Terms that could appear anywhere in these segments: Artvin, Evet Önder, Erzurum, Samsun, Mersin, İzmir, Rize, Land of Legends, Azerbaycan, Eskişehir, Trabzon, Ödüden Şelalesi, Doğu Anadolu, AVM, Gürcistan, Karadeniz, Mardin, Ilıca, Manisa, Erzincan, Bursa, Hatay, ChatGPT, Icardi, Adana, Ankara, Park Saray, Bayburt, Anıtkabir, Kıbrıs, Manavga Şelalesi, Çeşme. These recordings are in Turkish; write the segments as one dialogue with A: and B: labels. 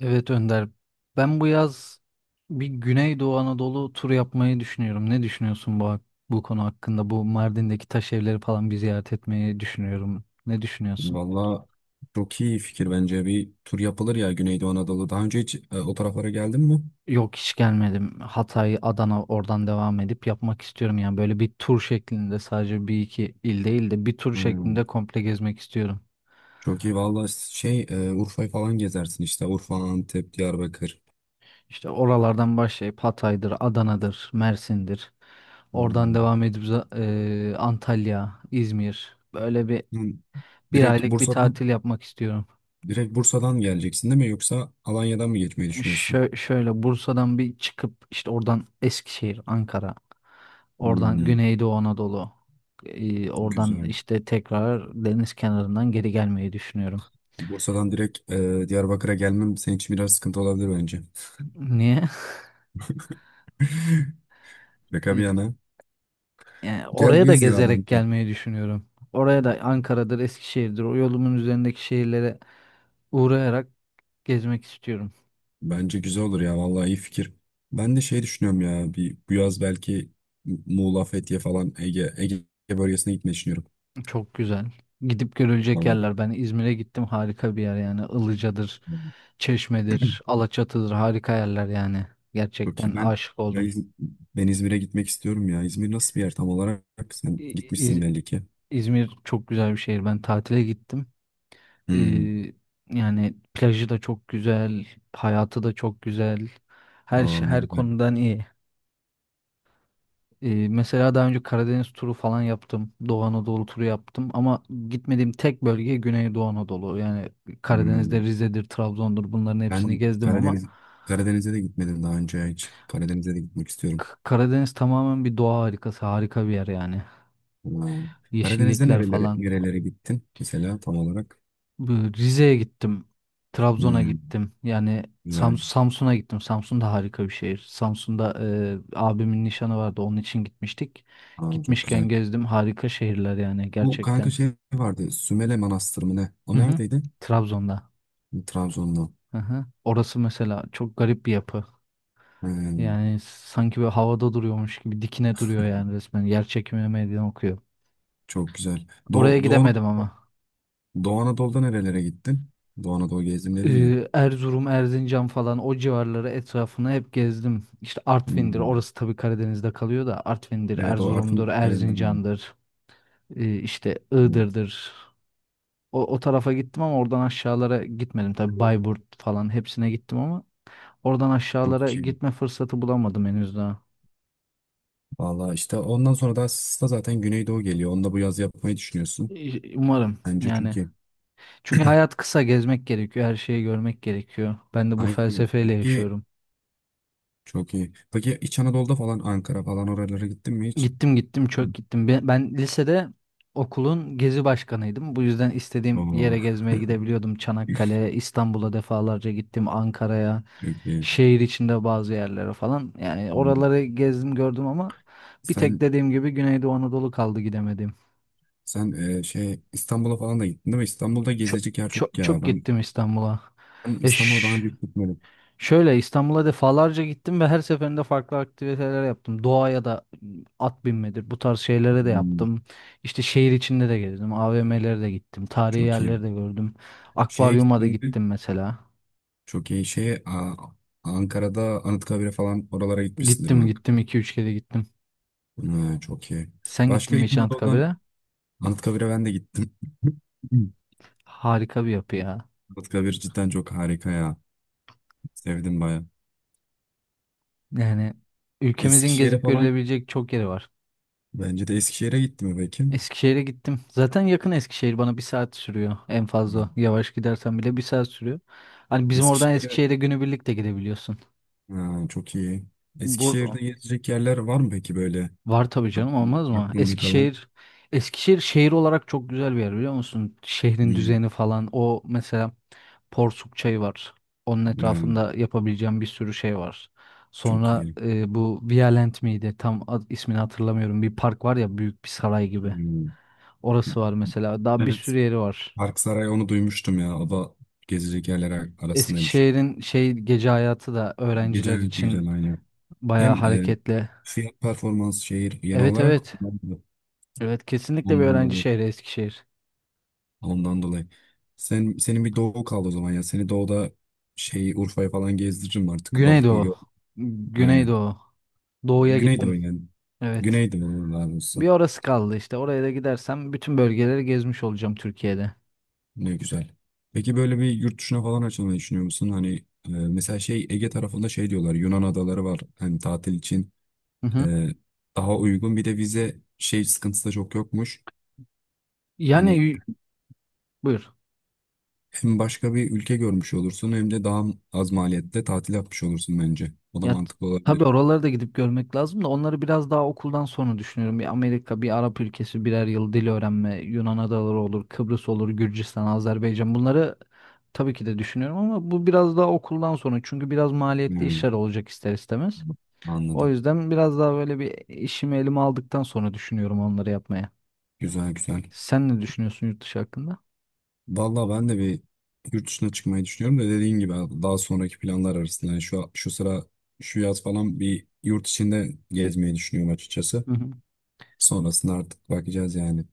A: Evet Önder. Ben bu yaz bir Güneydoğu Anadolu turu yapmayı düşünüyorum. Ne düşünüyorsun bu bu konu hakkında? Bu Mardin'deki taş evleri falan bir ziyaret etmeyi düşünüyorum. Ne düşünüyorsun?
B: Valla, çok iyi fikir bence bir tur yapılır ya Güneydoğu Anadolu. Daha önce hiç o taraflara geldin mi?
A: Yok hiç gelmedim. Hatay, Adana oradan devam edip yapmak istiyorum. Yani böyle bir tur şeklinde sadece bir iki il değil de bir tur şeklinde
B: Hmm.
A: komple gezmek istiyorum.
B: Çok iyi valla. Urfa'yı falan gezersin işte. Urfa, Antep, Diyarbakır.
A: İşte oralardan başlayıp Hatay'dır, Adana'dır, Mersin'dir. Oradan
B: Hmm.
A: devam edip Antalya, İzmir. Böyle bir
B: Hmm.
A: Bir
B: Direkt
A: aylık bir
B: Bursa'dan
A: tatil yapmak istiyorum.
B: direkt Bursa'dan geleceksin değil mi, yoksa Alanya'dan mı geçmeyi düşünüyorsun?
A: Şöyle Bursa'dan bir çıkıp işte oradan Eskişehir, Ankara, oradan
B: Hmm.
A: Güneydoğu Anadolu, oradan
B: Güzel.
A: işte tekrar deniz kenarından geri gelmeyi düşünüyorum.
B: Bursa'dan direkt Diyarbakır'a gelmem senin için biraz sıkıntı olabilir bence.
A: Niye?
B: Şaka bir
A: E,
B: yana.
A: Yani
B: Gel
A: oraya da
B: gez ya
A: gezerek
B: bence.
A: gelmeyi düşünüyorum. Oraya da Ankara'dır, Eskişehir'dir, o yolumun üzerindeki şehirlere uğrayarak gezmek istiyorum.
B: Bence güzel olur ya, vallahi iyi fikir. Ben de şey düşünüyorum ya, bir bu yaz belki Muğla, Fethiye falan Ege bölgesine gitmeyi düşünüyorum.
A: Çok güzel. Gidip görülecek
B: Vallahi
A: yerler. Ben İzmir'e gittim harika bir yer yani Ilıca'dır. Çeşme'dir, Alaçatı'dır harika yerler yani.
B: çok iyi.
A: Gerçekten aşık
B: Ben,
A: oldum.
B: İz- ben İzmir'e gitmek istiyorum ya. İzmir nasıl bir yer tam olarak? Sen
A: İ-
B: gitmişsin
A: İz-
B: belli ki.
A: İzmir çok güzel bir şehir. Ben tatile gittim. Ee,
B: Hmm.
A: yani plajı da çok güzel, hayatı da çok güzel.
B: Aa, ne
A: Her
B: güzel.
A: konudan iyi. Mesela daha önce Karadeniz turu falan yaptım. Doğu Anadolu turu yaptım ama gitmediğim tek bölge Güneydoğu Anadolu. Yani Karadeniz'de
B: Hmm.
A: Rize'dir, Trabzon'dur bunların hepsini
B: Ben
A: gezdim ama
B: Karadeniz Karadeniz'e de gitmedim daha önce hiç. Karadeniz'e de gitmek istiyorum.
A: Karadeniz tamamen bir doğa harikası, harika bir yer yani.
B: Aa. Karadeniz'de
A: Yeşillikler
B: nerelere
A: falan.
B: nerelere gittin mesela tam olarak?
A: Bu Rize'ye gittim. Trabzon'a
B: Hmm.
A: gittim. Yani
B: Güzel.
A: Samsun'a gittim. Samsun da harika bir şehir. Samsun'da abimin nişanı vardı. Onun için gitmiştik.
B: Aa, çok
A: Gitmişken
B: güzel.
A: gezdim. Harika şehirler yani
B: Bu kanka
A: gerçekten.
B: şey vardı, Sümele Manastırı mı ne? O
A: Hı hı.
B: neredeydi?
A: Trabzon'da.
B: Trabzon'da.
A: Hı hı. Orası mesela çok garip bir yapı.
B: Hmm,
A: Yani sanki böyle havada duruyormuş gibi dikine duruyor yani resmen. Yer çekimi meydan okuyor.
B: çok güzel.
A: Oraya
B: Doğu, Doğu,
A: gidemedim ama.
B: Doğu Anadolu'da nerelere gittin? Doğu Anadolu gezdim dedin ya.
A: Erzurum, Erzincan falan o civarları etrafını hep gezdim. İşte Artvin'dir,
B: Hmm.
A: orası tabii Karadeniz'de kalıyor da Artvin'dir,
B: Evet, o
A: Erzurum'dur,
B: Artvin Kalesi'nde.
A: Erzincan'dır, işte Iğdır'dır. O tarafa gittim ama oradan aşağılara gitmedim. Tabii Bayburt falan hepsine gittim ama oradan aşağılara
B: Çok iyi.
A: gitme fırsatı bulamadım henüz daha.
B: Valla, işte ondan sonra da aslında zaten Güneydoğu geliyor. Onu da bu yaz yapmayı düşünüyorsun.
A: Umarım
B: Bence
A: yani.
B: çünkü.
A: Çünkü hayat kısa, gezmek gerekiyor, her şeyi görmek gerekiyor. Ben de bu
B: Aynen.
A: felsefeyle
B: Peki,
A: yaşıyorum.
B: çok iyi. Peki İç Anadolu'da falan, Ankara falan, oralara gittin mi hiç?
A: Gittim gittim çok gittim. Ben lisede okulun gezi başkanıydım. Bu yüzden istediğim
B: Oo.
A: yere gezmeye gidebiliyordum. Çanakkale'ye, İstanbul'a defalarca gittim. Ankara'ya,
B: Çok iyi.
A: şehir içinde bazı yerlere falan. Yani
B: Hmm.
A: oraları gezdim gördüm ama bir tek
B: Sen
A: dediğim gibi Güneydoğu Anadolu kaldı gidemedim.
B: Sen İstanbul'a falan da gittin değil mi? İstanbul'da
A: Çok
B: gezilecek yer
A: çok,
B: çok ya.
A: çok
B: Ben,
A: gittim İstanbul'a.
B: ben
A: Ya
B: İstanbul'a daha önce hiç gitmedim.
A: Şöyle İstanbul'a defalarca gittim ve her seferinde farklı aktiviteler yaptım. Doğaya da at binmedir bu tarz şeylere de
B: Hmm,
A: yaptım. İşte şehir içinde de gezdim. AVM'lere de gittim. Tarihi
B: çok iyi.
A: yerleri de gördüm.
B: Şeye
A: Akvaryuma da
B: gittin mi?
A: gittim mesela.
B: Çok iyi. Ankara'da Anıtkabir'e falan oralara gitmişsindir
A: Gittim
B: bak.
A: gittim iki üç kere gittim.
B: Ha, çok iyi.
A: Sen gittin
B: Başka
A: mi
B: İç
A: hiç
B: Anadolu'dan
A: Anıtkabir'e?
B: Anıtkabir'e ben de gittim.
A: Harika bir yapı ya.
B: Anıtkabir cidden çok harika ya. Sevdim baya.
A: Yani ülkemizin
B: Eskişehir'e
A: gezip
B: falan,
A: görülebilecek çok yeri var.
B: bence de Eskişehir'e gitti mi peki?
A: Eskişehir'e gittim. Zaten yakın Eskişehir bana bir saat sürüyor en
B: Hmm.
A: fazla. Yavaş gidersen bile bir saat sürüyor. Hani bizim oradan
B: Eskişehir'e,
A: Eskişehir'e günübirlik de gidebiliyorsun.
B: ha, çok iyi.
A: Bur
B: Eskişehir'de gezecek yerler var mı peki böyle?
A: Var tabii canım olmaz mı?
B: Aklımda kalan.
A: Eskişehir şehir olarak çok güzel bir yer biliyor musun? Şehrin
B: Hmm,
A: düzeni falan o mesela Porsuk Çayı var. Onun
B: yani
A: etrafında yapabileceğim bir sürü şey var.
B: çok
A: Sonra
B: iyi.
A: bu Violent miydi? Tam ismini hatırlamıyorum. Bir park var ya büyük bir saray gibi.
B: Hmm.
A: Orası var mesela. Daha bir
B: Evet.
A: sürü yeri var.
B: Park Saray, onu duymuştum ya. O da gezecek yerler arasındaymış.
A: Eskişehir'in şey gece hayatı da
B: Gece
A: öğrenciler
B: hayatı güzel
A: için
B: aynı.
A: bayağı
B: Hem
A: hareketli.
B: fiyat performans şehir yeni
A: Evet
B: olarak
A: evet. Evet kesinlikle bir
B: ondan
A: öğrenci
B: dolayı.
A: şehri Eskişehir.
B: Ondan dolayı. Senin bir doğu kaldı o zaman ya. Seni doğuda şey Urfa'ya falan gezdiririm artık. Balıklı.
A: Güneydoğu.
B: Aynen.
A: Güneydoğu. Doğuya
B: Güneydoğu
A: gittim.
B: yani.
A: Evet.
B: Güneydoğu olurlar.
A: Bir orası kaldı işte. Oraya da gidersem bütün bölgeleri gezmiş olacağım Türkiye'de.
B: Ne güzel. Peki böyle bir yurt dışına falan açılmayı düşünüyor musun? Hani mesela şey Ege tarafında şey diyorlar, Yunan adaları var hani tatil için
A: Hı hı.
B: e, daha uygun, bir de vize şey sıkıntısı da çok yokmuş.
A: Yani
B: Hani
A: buyur.
B: hem başka bir ülke görmüş olursun hem de daha az maliyette tatil yapmış olursun bence. O da
A: Ya t-
B: mantıklı
A: tabii
B: olabilir.
A: oraları da gidip görmek lazım da onları biraz daha okuldan sonra düşünüyorum. Bir Amerika, bir Arap ülkesi birer yıl dil öğrenme, Yunan adaları olur, Kıbrıs olur, Gürcistan, Azerbaycan bunları tabii ki de düşünüyorum ama bu biraz daha okuldan sonra çünkü biraz maliyetli
B: Hmm,
A: işler olacak ister istemez. O
B: anladım.
A: yüzden biraz daha böyle bir işimi elime aldıktan sonra düşünüyorum onları yapmaya.
B: Güzel güzel.
A: Sen ne düşünüyorsun yurt dışı hakkında?
B: Vallahi ben de bir yurt dışına çıkmayı düşünüyorum da dediğin gibi abi, daha sonraki planlar arasında. Yani şu sıra, şu yaz falan bir yurt içinde gezmeyi düşünüyorum açıkçası.
A: Hı hı.
B: Sonrasında artık bakacağız yani.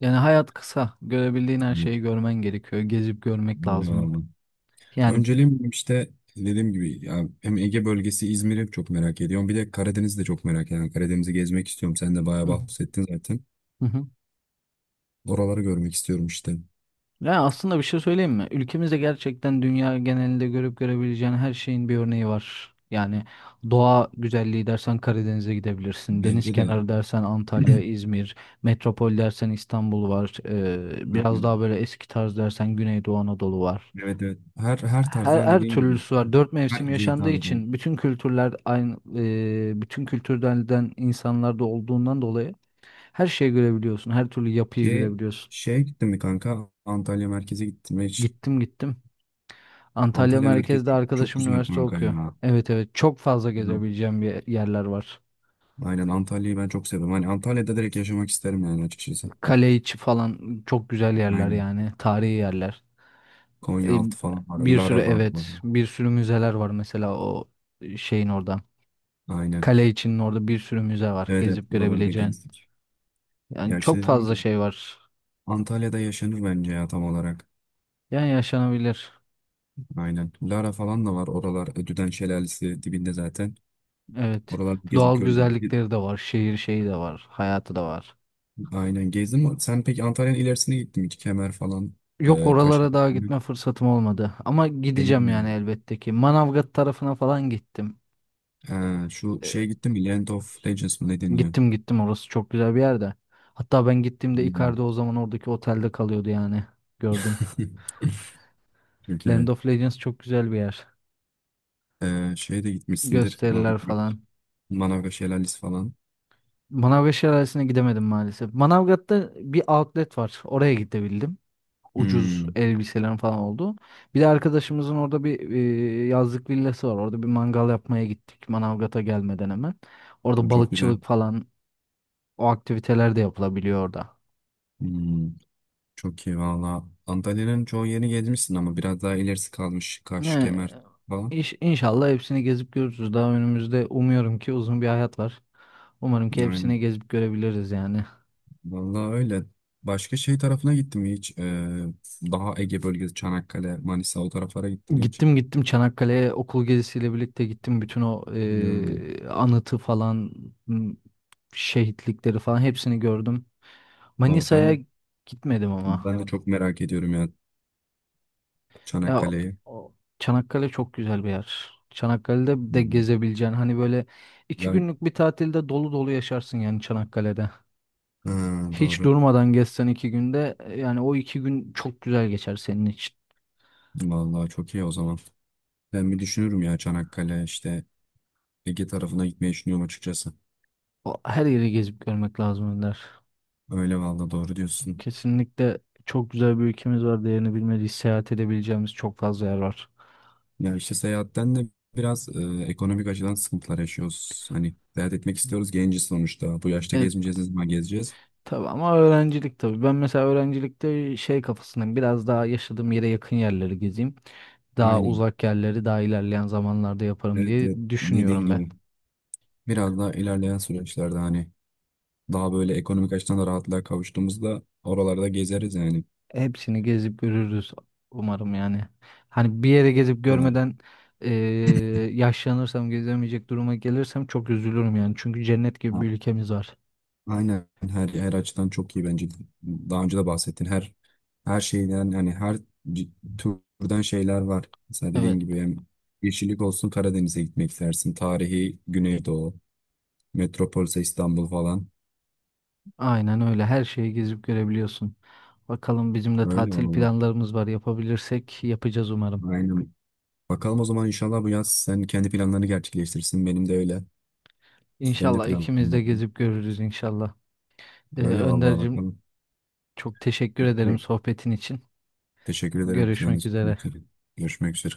A: Yani hayat kısa. Görebildiğin her şeyi görmen gerekiyor. Gezip görmek
B: Böyle var
A: lazım.
B: mı?
A: Yani
B: Önceliğim işte, dediğim gibi ya, hem Ege bölgesi, İzmir'i çok merak ediyorum. Bir de Karadeniz'i de çok merak ediyorum. Yani Karadeniz'i gezmek istiyorum. Sen de
A: Hı
B: bayağı
A: hı.
B: bahsettin zaten.
A: Hı hı.
B: Oraları görmek istiyorum işte.
A: Ya aslında bir şey söyleyeyim mi? Ülkemizde gerçekten dünya genelinde görüp görebileceğin her şeyin bir örneği var. Yani doğa güzelliği dersen Karadeniz'e gidebilirsin. Deniz
B: Bence de.
A: kenarı dersen Antalya, İzmir. Metropol dersen İstanbul var. Biraz daha
B: Aynen.
A: böyle eski tarz dersen Güneydoğu Anadolu var.
B: Evet evet. Her
A: Her,
B: tarzdan,
A: her
B: dediğim gibi,
A: türlüsü var. Dört mevsim
B: herkese
A: yaşandığı
B: hitap eden.
A: için bütün kültürler aynı, bütün kültürlerden insanlar da olduğundan dolayı her şeyi görebiliyorsun. Her türlü yapıyı
B: Şey,
A: görebiliyorsun.
B: şeye gittin mi kanka? Antalya merkeze gittim ve hiç.
A: Gittim gittim. Antalya
B: Antalya merkez
A: merkezde
B: çok
A: arkadaşım
B: güzel
A: üniversite
B: kanka
A: okuyor.
B: ya.
A: Evet evet çok fazla
B: Hı.
A: gezebileceğim bir yerler var.
B: Aynen, Antalya'yı ben çok seviyorum. Hani Antalya'da direkt yaşamak isterim yani açıkçası.
A: Kale içi falan çok güzel yerler
B: Aynen.
A: yani tarihi yerler. E,
B: Konyaaltı falan var.
A: bir sürü
B: Lara var.
A: evet bir sürü müzeler var mesela o şeyin orada.
B: Aynen.
A: Kale içinin orada bir sürü müze var
B: Evet evet,
A: gezip
B: oraları da
A: görebileceğin.
B: gezdik. Ya
A: Yani
B: işte
A: çok
B: dediğim
A: fazla
B: gibi,
A: şey var.
B: Antalya'da yaşanır bence ya tam olarak.
A: Yani yaşanabilir.
B: Aynen. Lara falan da var. Oralar Ödüden Şelalesi dibinde zaten.
A: Evet.
B: Oralar gezip
A: Doğal
B: gör.
A: güzellikleri de var. Şehir şeyi de var. Hayatı da var.
B: Aynen, gezdim. Sen peki Antalya'nın ilerisine gittin mi hiç? Kemer falan.
A: Yok
B: E, Kaş.
A: oralara daha gitme fırsatım olmadı. Ama
B: Benim
A: gideceğim
B: de.
A: yani elbette ki. Manavgat tarafına falan gittim.
B: Şu
A: Ee,
B: şeye gittim mi, Land of Legends mı ne deniyor?
A: gittim gittim orası çok güzel bir yerde. Hatta ben gittiğimde Icardi
B: Hmm.
A: o zaman oradaki otelde kalıyordu yani. Gördüm.
B: Çok
A: Land
B: iyi.
A: of Legends çok güzel bir yer.
B: Şeye de gitmişsindir.
A: Gösteriler falan.
B: Manavga Şelalesi falan.
A: Manavgat Şelalesi'ne gidemedim maalesef. Manavgat'ta bir outlet var. Oraya gidebildim. Ucuz
B: Hmm.
A: elbiselerin falan oldu. Bir de arkadaşımızın orada bir yazlık villası var. Orada bir mangal yapmaya gittik Manavgat'a gelmeden hemen. Orada
B: Bu çok güzel.
A: balıkçılık falan o aktiviteler de yapılabiliyor orada.
B: Hmm. Çok iyi valla. Antalya'nın çoğu yerini gezmişsin ama biraz daha ilerisi kalmış. Kaş,
A: Yani
B: Kemer falan.
A: inşallah hepsini gezip görürüz. Daha önümüzde umuyorum ki uzun bir hayat var. Umarım ki hepsini
B: Aynen.
A: gezip görebiliriz yani.
B: Valla öyle. Başka şey tarafına gittim mi hiç? Daha Ege bölgesi, Çanakkale, Manisa, o taraflara gittim mi hiç?
A: Gittim gittim Çanakkale'ye okul gezisiyle birlikte gittim. Bütün o
B: Hmm.
A: anıtı falan m, şehitlikleri falan hepsini gördüm.
B: O,
A: Manisa'ya
B: ben
A: gitmedim ama.
B: ben de çok merak ediyorum ya.
A: Ya
B: Çanakkale'yi.
A: Çanakkale çok güzel bir yer. Çanakkale'de
B: Hı
A: de
B: hı.
A: gezebileceğin hani böyle iki
B: Ya,
A: günlük bir tatilde dolu dolu yaşarsın yani Çanakkale'de.
B: ha,
A: Hiç
B: doğru.
A: durmadan gezsen iki günde yani o iki gün çok güzel geçer senin için.
B: Vallahi çok iyi o zaman. Ben bir düşünürüm ya, Çanakkale işte Ege tarafına gitmeyi düşünüyorum açıkçası.
A: Her yeri gezip görmek lazım Önder.
B: Öyle, vallahi doğru diyorsun.
A: Kesinlikle çok güzel bir ülkemiz var. Değerini bilmediği seyahat edebileceğimiz çok fazla yer var.
B: Ya işte seyahatten de biraz ekonomik açıdan sıkıntılar yaşıyoruz. Hani seyahat etmek istiyoruz, genciz sonuçta. Bu yaşta
A: Evet.
B: gezmeyeceğiz ne zaman gezeceğiz?
A: Tabii ama öğrencilik tabii. Ben mesela öğrencilikte şey kafasındayım. Biraz daha yaşadığım yere yakın yerleri gezeyim. Daha
B: Aynen.
A: uzak yerleri daha ilerleyen zamanlarda yaparım
B: Evet, evet.
A: diye
B: Dediğin
A: düşünüyorum ben.
B: gibi. Biraz daha ilerleyen süreçlerde hani daha böyle ekonomik açıdan da rahatlığa kavuştuğumuzda oralarda gezeriz yani.
A: Hepsini gezip görürüz umarım yani. Hani bir yere gezip
B: Falan.
A: görmeden eee, yaşlanırsam gezemeyecek duruma gelirsem çok üzülürüm yani. Çünkü cennet gibi bir ülkemiz var.
B: Aynen, her açıdan çok iyi bence. Daha önce de bahsettin. Her şeyden, hani, her c- türden şeyler var. Mesela
A: Evet,
B: dediğin gibi, hem yeşillik olsun Karadeniz'e gitmek istersin. Tarihi Güneydoğu, metropolse İstanbul falan.
A: aynen öyle. Her şeyi gezip görebiliyorsun. Bakalım bizim de
B: Öyle
A: tatil
B: valla.
A: planlarımız var. Yapabilirsek yapacağız umarım.
B: Aynen. Bakalım, o zaman inşallah bu yaz sen kendi planlarını gerçekleştirsin. Benim de öyle. Benim de
A: İnşallah
B: planım.
A: ikimiz
B: var.
A: de gezip görürüz inşallah.
B: Öyle vallahi,
A: Önder'cim
B: bakalım.
A: çok teşekkür ederim sohbetin için.
B: Teşekkür ederim. Yani
A: Görüşmek üzere.
B: görüşmek üzere.